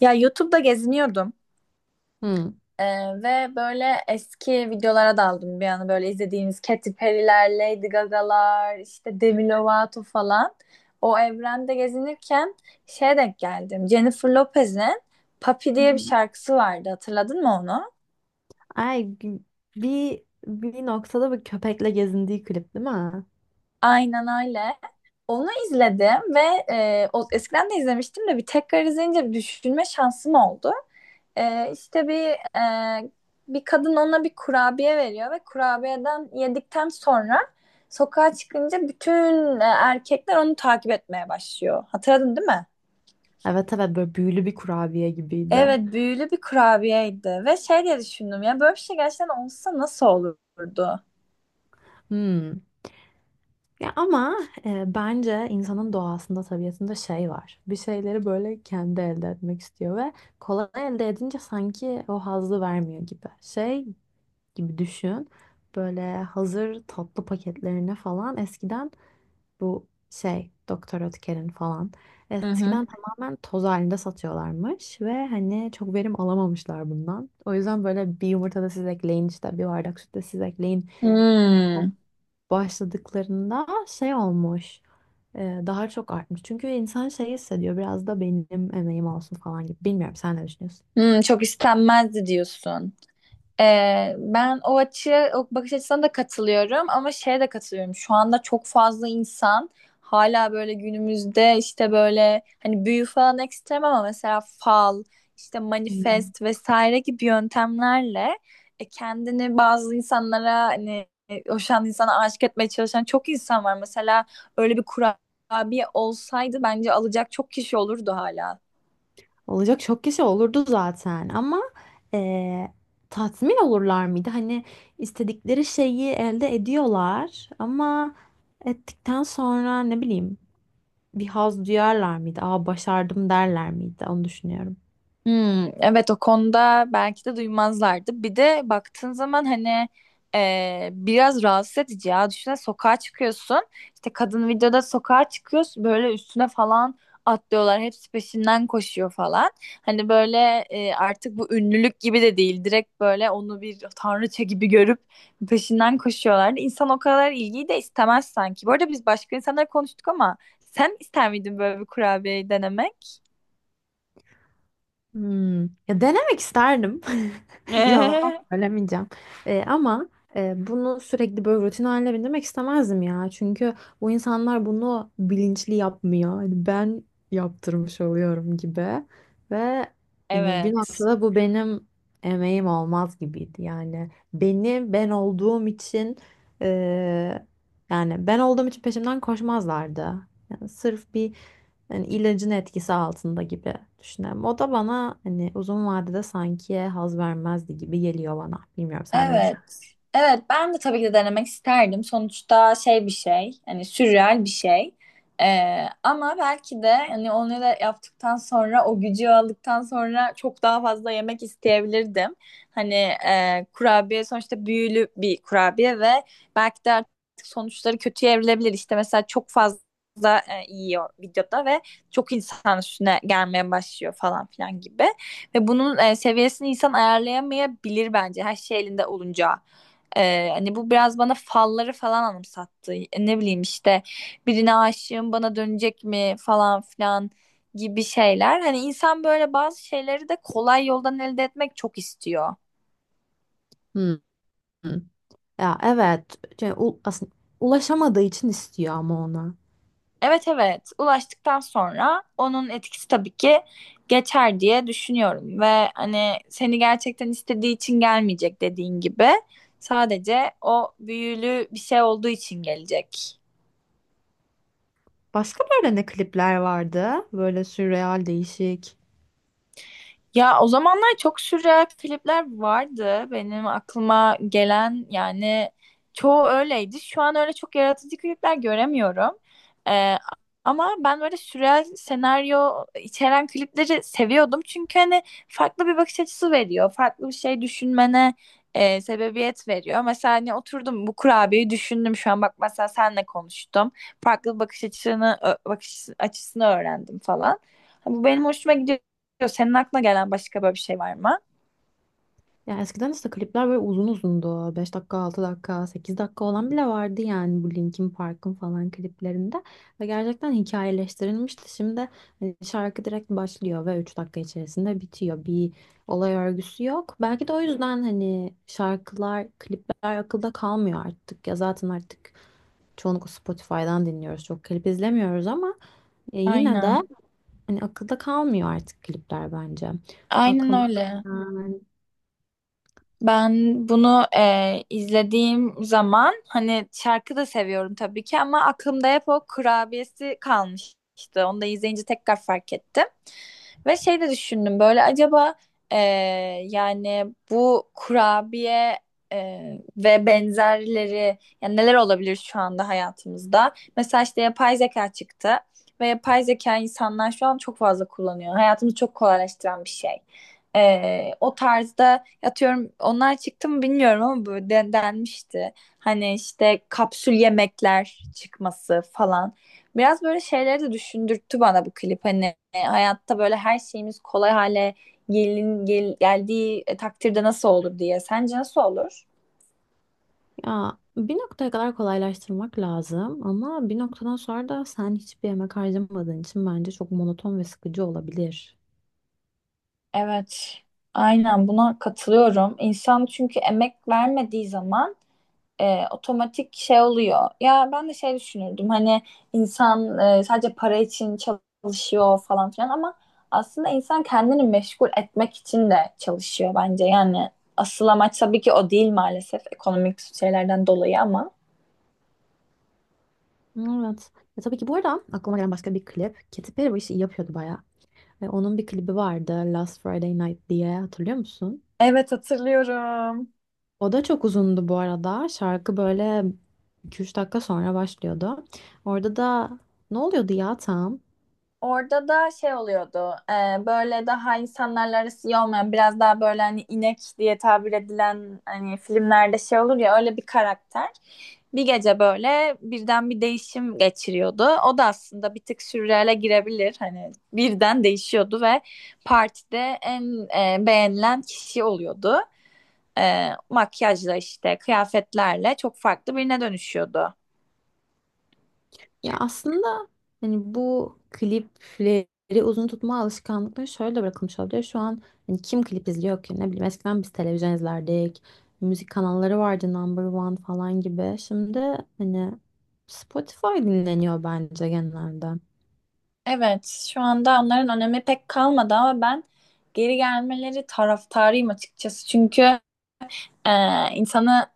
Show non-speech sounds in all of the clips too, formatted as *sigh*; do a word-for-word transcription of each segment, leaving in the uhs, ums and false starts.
Ya YouTube'da geziniyordum. Hı. Ee, Ve böyle eski videolara daldım bir an, böyle izlediğimiz Katy Perry'ler, Lady Gaga'lar, işte Demi Lovato falan. O evrende gezinirken şeye denk geldim. Jennifer Lopez'in Papi Hı diye bir hı. şarkısı vardı. Hatırladın mı onu? Ay gü- bir bir noktada bir köpekle gezindiği klip değil mi? Aynen öyle. Onu izledim ve e, o, eskiden de izlemiştim de bir tekrar izleyince düşünme şansım oldu. E, işte bir e, bir kadın ona bir kurabiye veriyor ve kurabiyeden yedikten sonra sokağa çıkınca bütün e, erkekler onu takip etmeye başlıyor. Hatırladın değil mi? Evet evet, böyle büyülü bir kurabiye gibiydi. Evet, büyülü bir kurabiyeydi ve şey diye düşündüm: ya böyle bir şey gerçekten olsa nasıl olurdu? Hmm. Ya ama e, bence insanın doğasında, tabiatında şey var. Bir şeyleri böyle kendi elde etmek istiyor ve kolay elde edince sanki o hazzı vermiyor gibi. Şey gibi düşün. Böyle hazır tatlı paketlerine falan eskiden. Bu şey Doktor Ötker'in falan. Hı hı. Eskiden tamamen toz halinde satıyorlarmış ve hani çok verim alamamışlar bundan. O yüzden böyle bir yumurta da siz ekleyin, işte bir bardak süt de siz ekleyin Hmm. başladıklarında şey olmuş. e, Daha çok artmış. Çünkü insan şey hissediyor, biraz da benim emeğim olsun falan gibi. Bilmiyorum, sen ne düşünüyorsun? Hmm, çok istenmezdi diyorsun. Ee, ben o açı, o bakış açısına da katılıyorum ama şeye de katılıyorum. Şu anda çok fazla insan hala böyle günümüzde işte böyle hani büyü falan ekstrem ama mesela fal, işte manifest vesaire gibi yöntemlerle e, kendini bazı insanlara hani e, hoşan insana aşık etmeye çalışan çok insan var. Mesela öyle bir kurabiye olsaydı bence alacak çok kişi olurdu hala. Olacak çok kişi olurdu zaten ama eee, tatmin olurlar mıydı? Hani istedikleri şeyi elde ediyorlar ama ettikten sonra ne bileyim bir haz duyarlar mıydı? Aa, başardım derler miydi? Onu düşünüyorum. Hmm, evet o konuda belki de duymazlardı. Bir de baktığın zaman hani e, biraz rahatsız edici ya. Düşünsene sokağa çıkıyorsun. İşte kadın videoda sokağa çıkıyorsun. Böyle üstüne falan atlıyorlar. Hepsi peşinden koşuyor falan. Hani böyle e, artık bu ünlülük gibi de değil. Direkt böyle onu bir tanrıça gibi görüp peşinden koşuyorlar. İnsan o kadar ilgiyi de istemez sanki. Bu arada biz başka insanlar konuştuk ama sen ister miydin böyle bir kurabiyeyi denemek? Hmm. Ya denemek isterdim. *laughs* Yalan söylemeyeceğim. Ee, ama e, bunu sürekli böyle rutin haline bindirmek istemezdim ya. Çünkü bu insanlar bunu bilinçli yapmıyor. Hani ben yaptırmış oluyorum gibi. Ve *laughs* hani bir Evet. noktada bu benim emeğim olmaz gibiydi. Yani beni ben olduğum için e, yani ben olduğum için peşimden koşmazlardı. Yani sırf bir yani ilacın etkisi altında gibi düşünüyorum. O da bana hani uzun vadede sanki haz vermezdi gibi geliyor bana. Bilmiyorum, sen ne Evet. düşün? Evet, ben de tabii ki de denemek isterdim. Sonuçta şey bir şey. Hani sürreal bir şey. Ee, ama belki de hani onu da yaptıktan sonra, o gücü aldıktan sonra çok daha fazla yemek isteyebilirdim. Hani e, kurabiye sonuçta büyülü bir kurabiye ve belki de artık sonuçları kötüye evrilebilir. İşte mesela çok fazla e, yiyor videoda ve çok insan üstüne gelmeye başlıyor falan filan gibi. Ve bunun e, seviyesini insan ayarlayamayabilir bence her şey elinde olunca. E, hani bu biraz bana falları falan anımsattı. E, Ne bileyim işte birine aşığım, bana dönecek mi falan filan gibi şeyler. Hani insan böyle bazı şeyleri de kolay yoldan elde etmek çok istiyor. Hmm. Ya evet. Şey, u- aslında ulaşamadığı için istiyor ama ona. Evet, evet, ulaştıktan sonra onun etkisi tabii ki geçer diye düşünüyorum ve hani seni gerçekten istediği için gelmeyecek, dediğin gibi sadece o büyülü bir şey olduğu için gelecek. Başka böyle ne klipler vardı? Böyle sürreal, değişik. Ya o zamanlar çok sürreal klipler vardı. Benim aklıma gelen yani çoğu öyleydi. Şu an öyle çok yaratıcı klipler göremiyorum. Ee, Ama ben böyle sürreal senaryo içeren klipleri seviyordum. Çünkü hani farklı bir bakış açısı veriyor. Farklı bir şey düşünmene e, sebebiyet veriyor. Mesela hani oturdum bu kurabiyeyi düşündüm, şu an bak mesela senle konuştum. Farklı bakış açısını ö- bakış açısını öğrendim falan. Bu benim hoşuma gidiyor. Senin aklına gelen başka böyle bir şey var mı? Ya eskiden işte klipler böyle uzun uzundu. Beş dakika, altı dakika, sekiz dakika olan bile vardı yani bu Linkin Park'ın falan kliplerinde. Ve gerçekten hikayeleştirilmişti. Şimdi hani şarkı direkt başlıyor ve üç dakika içerisinde bitiyor. Bir olay örgüsü yok. Belki de o yüzden hani şarkılar, klipler akılda kalmıyor artık. Ya zaten artık çoğunlukla Spotify'dan dinliyoruz. Çok klip izlemiyoruz ama e, yine de Aynen. hani akılda kalmıyor artık klipler bence. Aynen Aklıma öyle. gelen. Ben bunu e, izlediğim zaman hani şarkı da seviyorum tabii ki ama aklımda hep o kurabiyesi kalmıştı. Onu da izleyince tekrar fark ettim. Ve şey de düşündüm, böyle acaba e, yani bu kurabiye e, ve benzerleri yani neler olabilir şu anda hayatımızda? Mesela işte yapay zeka çıktı ve yapay zeka insanlar şu an çok fazla kullanıyor. Hayatımızı çok kolaylaştıran bir şey. Ee, o tarzda, atıyorum, onlar çıktı mı bilmiyorum ama böyle den- denmişti. Hani işte kapsül yemekler çıkması falan. Biraz böyle şeyleri de düşündürttü bana bu klip. Hani hayatta böyle her şeyimiz kolay hale gelin, gel, geldiği e, takdirde nasıl olur diye. Sence nasıl olur? Ya bir noktaya kadar kolaylaştırmak lazım ama bir noktadan sonra da sen hiçbir emek harcamadığın için bence çok monoton ve sıkıcı olabilir. Evet. Aynen, buna katılıyorum. İnsan çünkü emek vermediği zaman e, otomatik şey oluyor. Ya ben de şey düşünürdüm, hani insan e, sadece para için çalışıyor falan filan ama aslında insan kendini meşgul etmek için de çalışıyor bence. Yani asıl amaç tabii ki o değil, maalesef ekonomik şeylerden dolayı ama. Evet. Ya tabii ki, bu arada aklıma gelen başka bir klip. Katy Perry bu işi iyi yapıyordu bayağı. Ve onun bir klibi vardı, Last Friday Night diye, hatırlıyor musun? Evet, hatırlıyorum. O da çok uzundu bu arada. Şarkı böyle iki üç dakika sonra başlıyordu. Orada da ne oluyordu ya tam? Orada da şey oluyordu. E, böyle daha insanlarla arası iyi olmayan, biraz daha böyle hani inek diye tabir edilen, hani filmlerde şey olur ya, öyle bir karakter. Bir gece böyle birden bir değişim geçiriyordu. O da aslında bir tık sürreale girebilir. Hani birden değişiyordu ve partide en e, beğenilen kişi oluyordu. E, makyajla, işte kıyafetlerle çok farklı birine dönüşüyordu. Ya aslında hani bu klipleri uzun tutma alışkanlıkları şöyle de bırakılmış olabilir. Şu an hani kim klip izliyor ki? Ne bileyim, eskiden biz televizyon izlerdik. Müzik kanalları vardı, Number One falan gibi. Şimdi hani Spotify dinleniyor bence genelde. Evet, şu anda onların önemi pek kalmadı ama ben geri gelmeleri taraftarıyım açıkçası. Çünkü e, insanı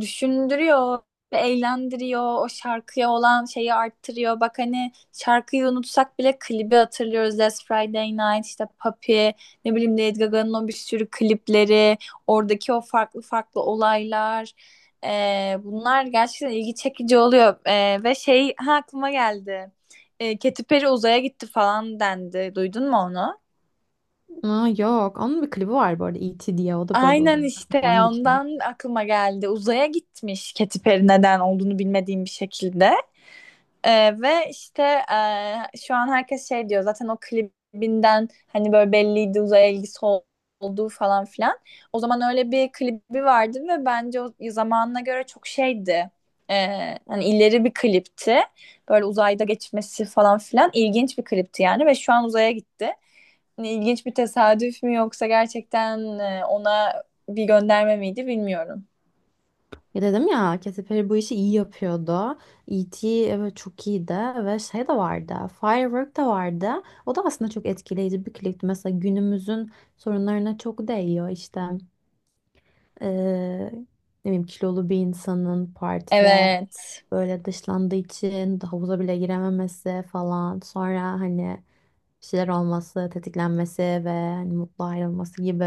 düşündürüyor, eğlendiriyor, o şarkıya olan şeyi arttırıyor. Bak hani şarkıyı unutsak bile klibi hatırlıyoruz. Last Friday Night, işte Papi, ne bileyim Lady Gaga'nın o bir sürü klipleri, oradaki o farklı farklı olaylar. Ee, bunlar gerçekten ilgi çekici oluyor. Ee, ve şey, ha, aklıma geldi. Ee, Katy Perry uzaya gitti falan dendi. Duydun mu onu? Aa, yok, onun bir klibi var bu arada, E T diye, o da böyle Aynen, uzun işte falan geçiyor. ondan aklıma geldi. Uzaya gitmiş Katy Perry, neden olduğunu bilmediğim bir şekilde. Ee, ve işte e, şu an herkes şey diyor zaten, o klibinden hani böyle belliydi uzaya ilgisi ol- olduğu falan filan. O zaman öyle bir klibi vardı ve bence o zamanına göre çok şeydi. Ee, hani ileri bir klipti. Böyle uzayda geçmesi falan filan, ilginç bir klipti yani, ve şu an uzaya gitti. Hani ilginç bir tesadüf mü yoksa gerçekten e, ona bir gönderme miydi bilmiyorum. Ya dedim ya, Katy Perry bu işi iyi yapıyordu. E T, evet, çok iyiydi ve şey de vardı. Firework da vardı. O da aslında çok etkileyici bir klipti. Mesela günümüzün sorunlarına çok değiyor işte. Ee, Ne bileyim, kilolu bir insanın partide Evet. böyle dışlandığı için havuza bile girememesi falan. Sonra hani bir şeyler olması, tetiklenmesi ve hani mutlu ayrılması gibi.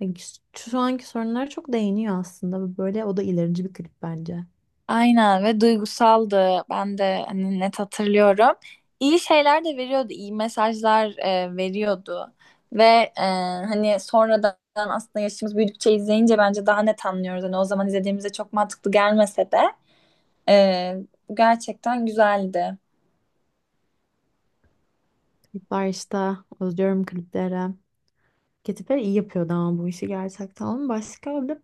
Yani şu şu anki sorunlara çok değiniyor aslında. Böyle o da ilerici bir klip bence. Aynen, ve duygusaldı. Ben de hani net hatırlıyorum. İyi şeyler de veriyordu, iyi mesajlar e, veriyordu. Ve e, hani sonradan aslında yaşımız büyüdükçe izleyince bence daha net anlıyoruz. Hani o zaman izlediğimizde çok mantıklı gelmese de e, gerçekten güzeldi. Klipler işte, özlüyorum klipleri. Katy Perry iyi yapıyordu ama bu işi gerçekten. Onun başka bir de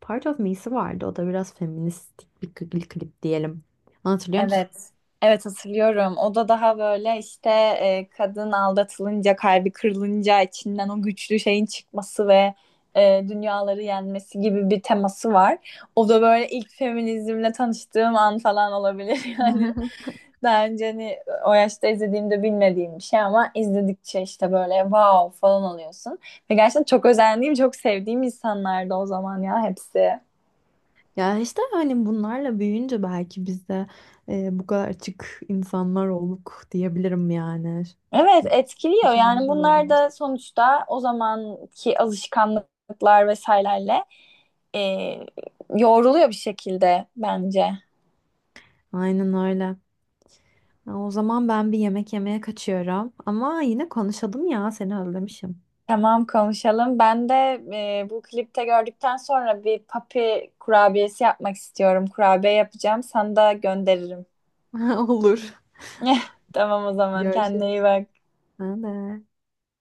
Part of Me'si vardı. O da biraz feministik bir klip, klip diyelim. Hatırlıyor musun? Evet. Evet, hatırlıyorum. O da daha böyle işte e, kadın aldatılınca, kalbi kırılınca içinden o güçlü şeyin çıkması ve e, dünyaları yenmesi gibi bir teması var. O da böyle ilk feminizmle tanıştığım an falan olabilir. *laughs* Yani daha önce hani o yaşta izlediğimde bilmediğim bir şey ama izledikçe işte böyle wow falan oluyorsun. Ve gerçekten çok özendiğim, çok sevdiğim insanlardı o zaman ya, hepsi. Ya işte hani bunlarla büyüyünce belki biz de e, bu kadar açık insanlar olduk diyebilirim yani. Evet, etkiliyor Şu anda yani da böyle bunlar olsun. da, sonuçta o zamanki alışkanlıklar vesairelerle e, yoğruluyor bir şekilde bence. Aynen öyle. Ya, o zaman ben bir yemek yemeye kaçıyorum. Ama yine konuşalım, ya seni özlemişim. Tamam, konuşalım. Ben de e, bu klipte gördükten sonra bir papi kurabiyesi yapmak istiyorum. Kurabiye yapacağım. Sana da gönderirim. *laughs* Olur. *laughs* Tamam, o zaman kendine Görüşürüz. iyi bak. Ben de.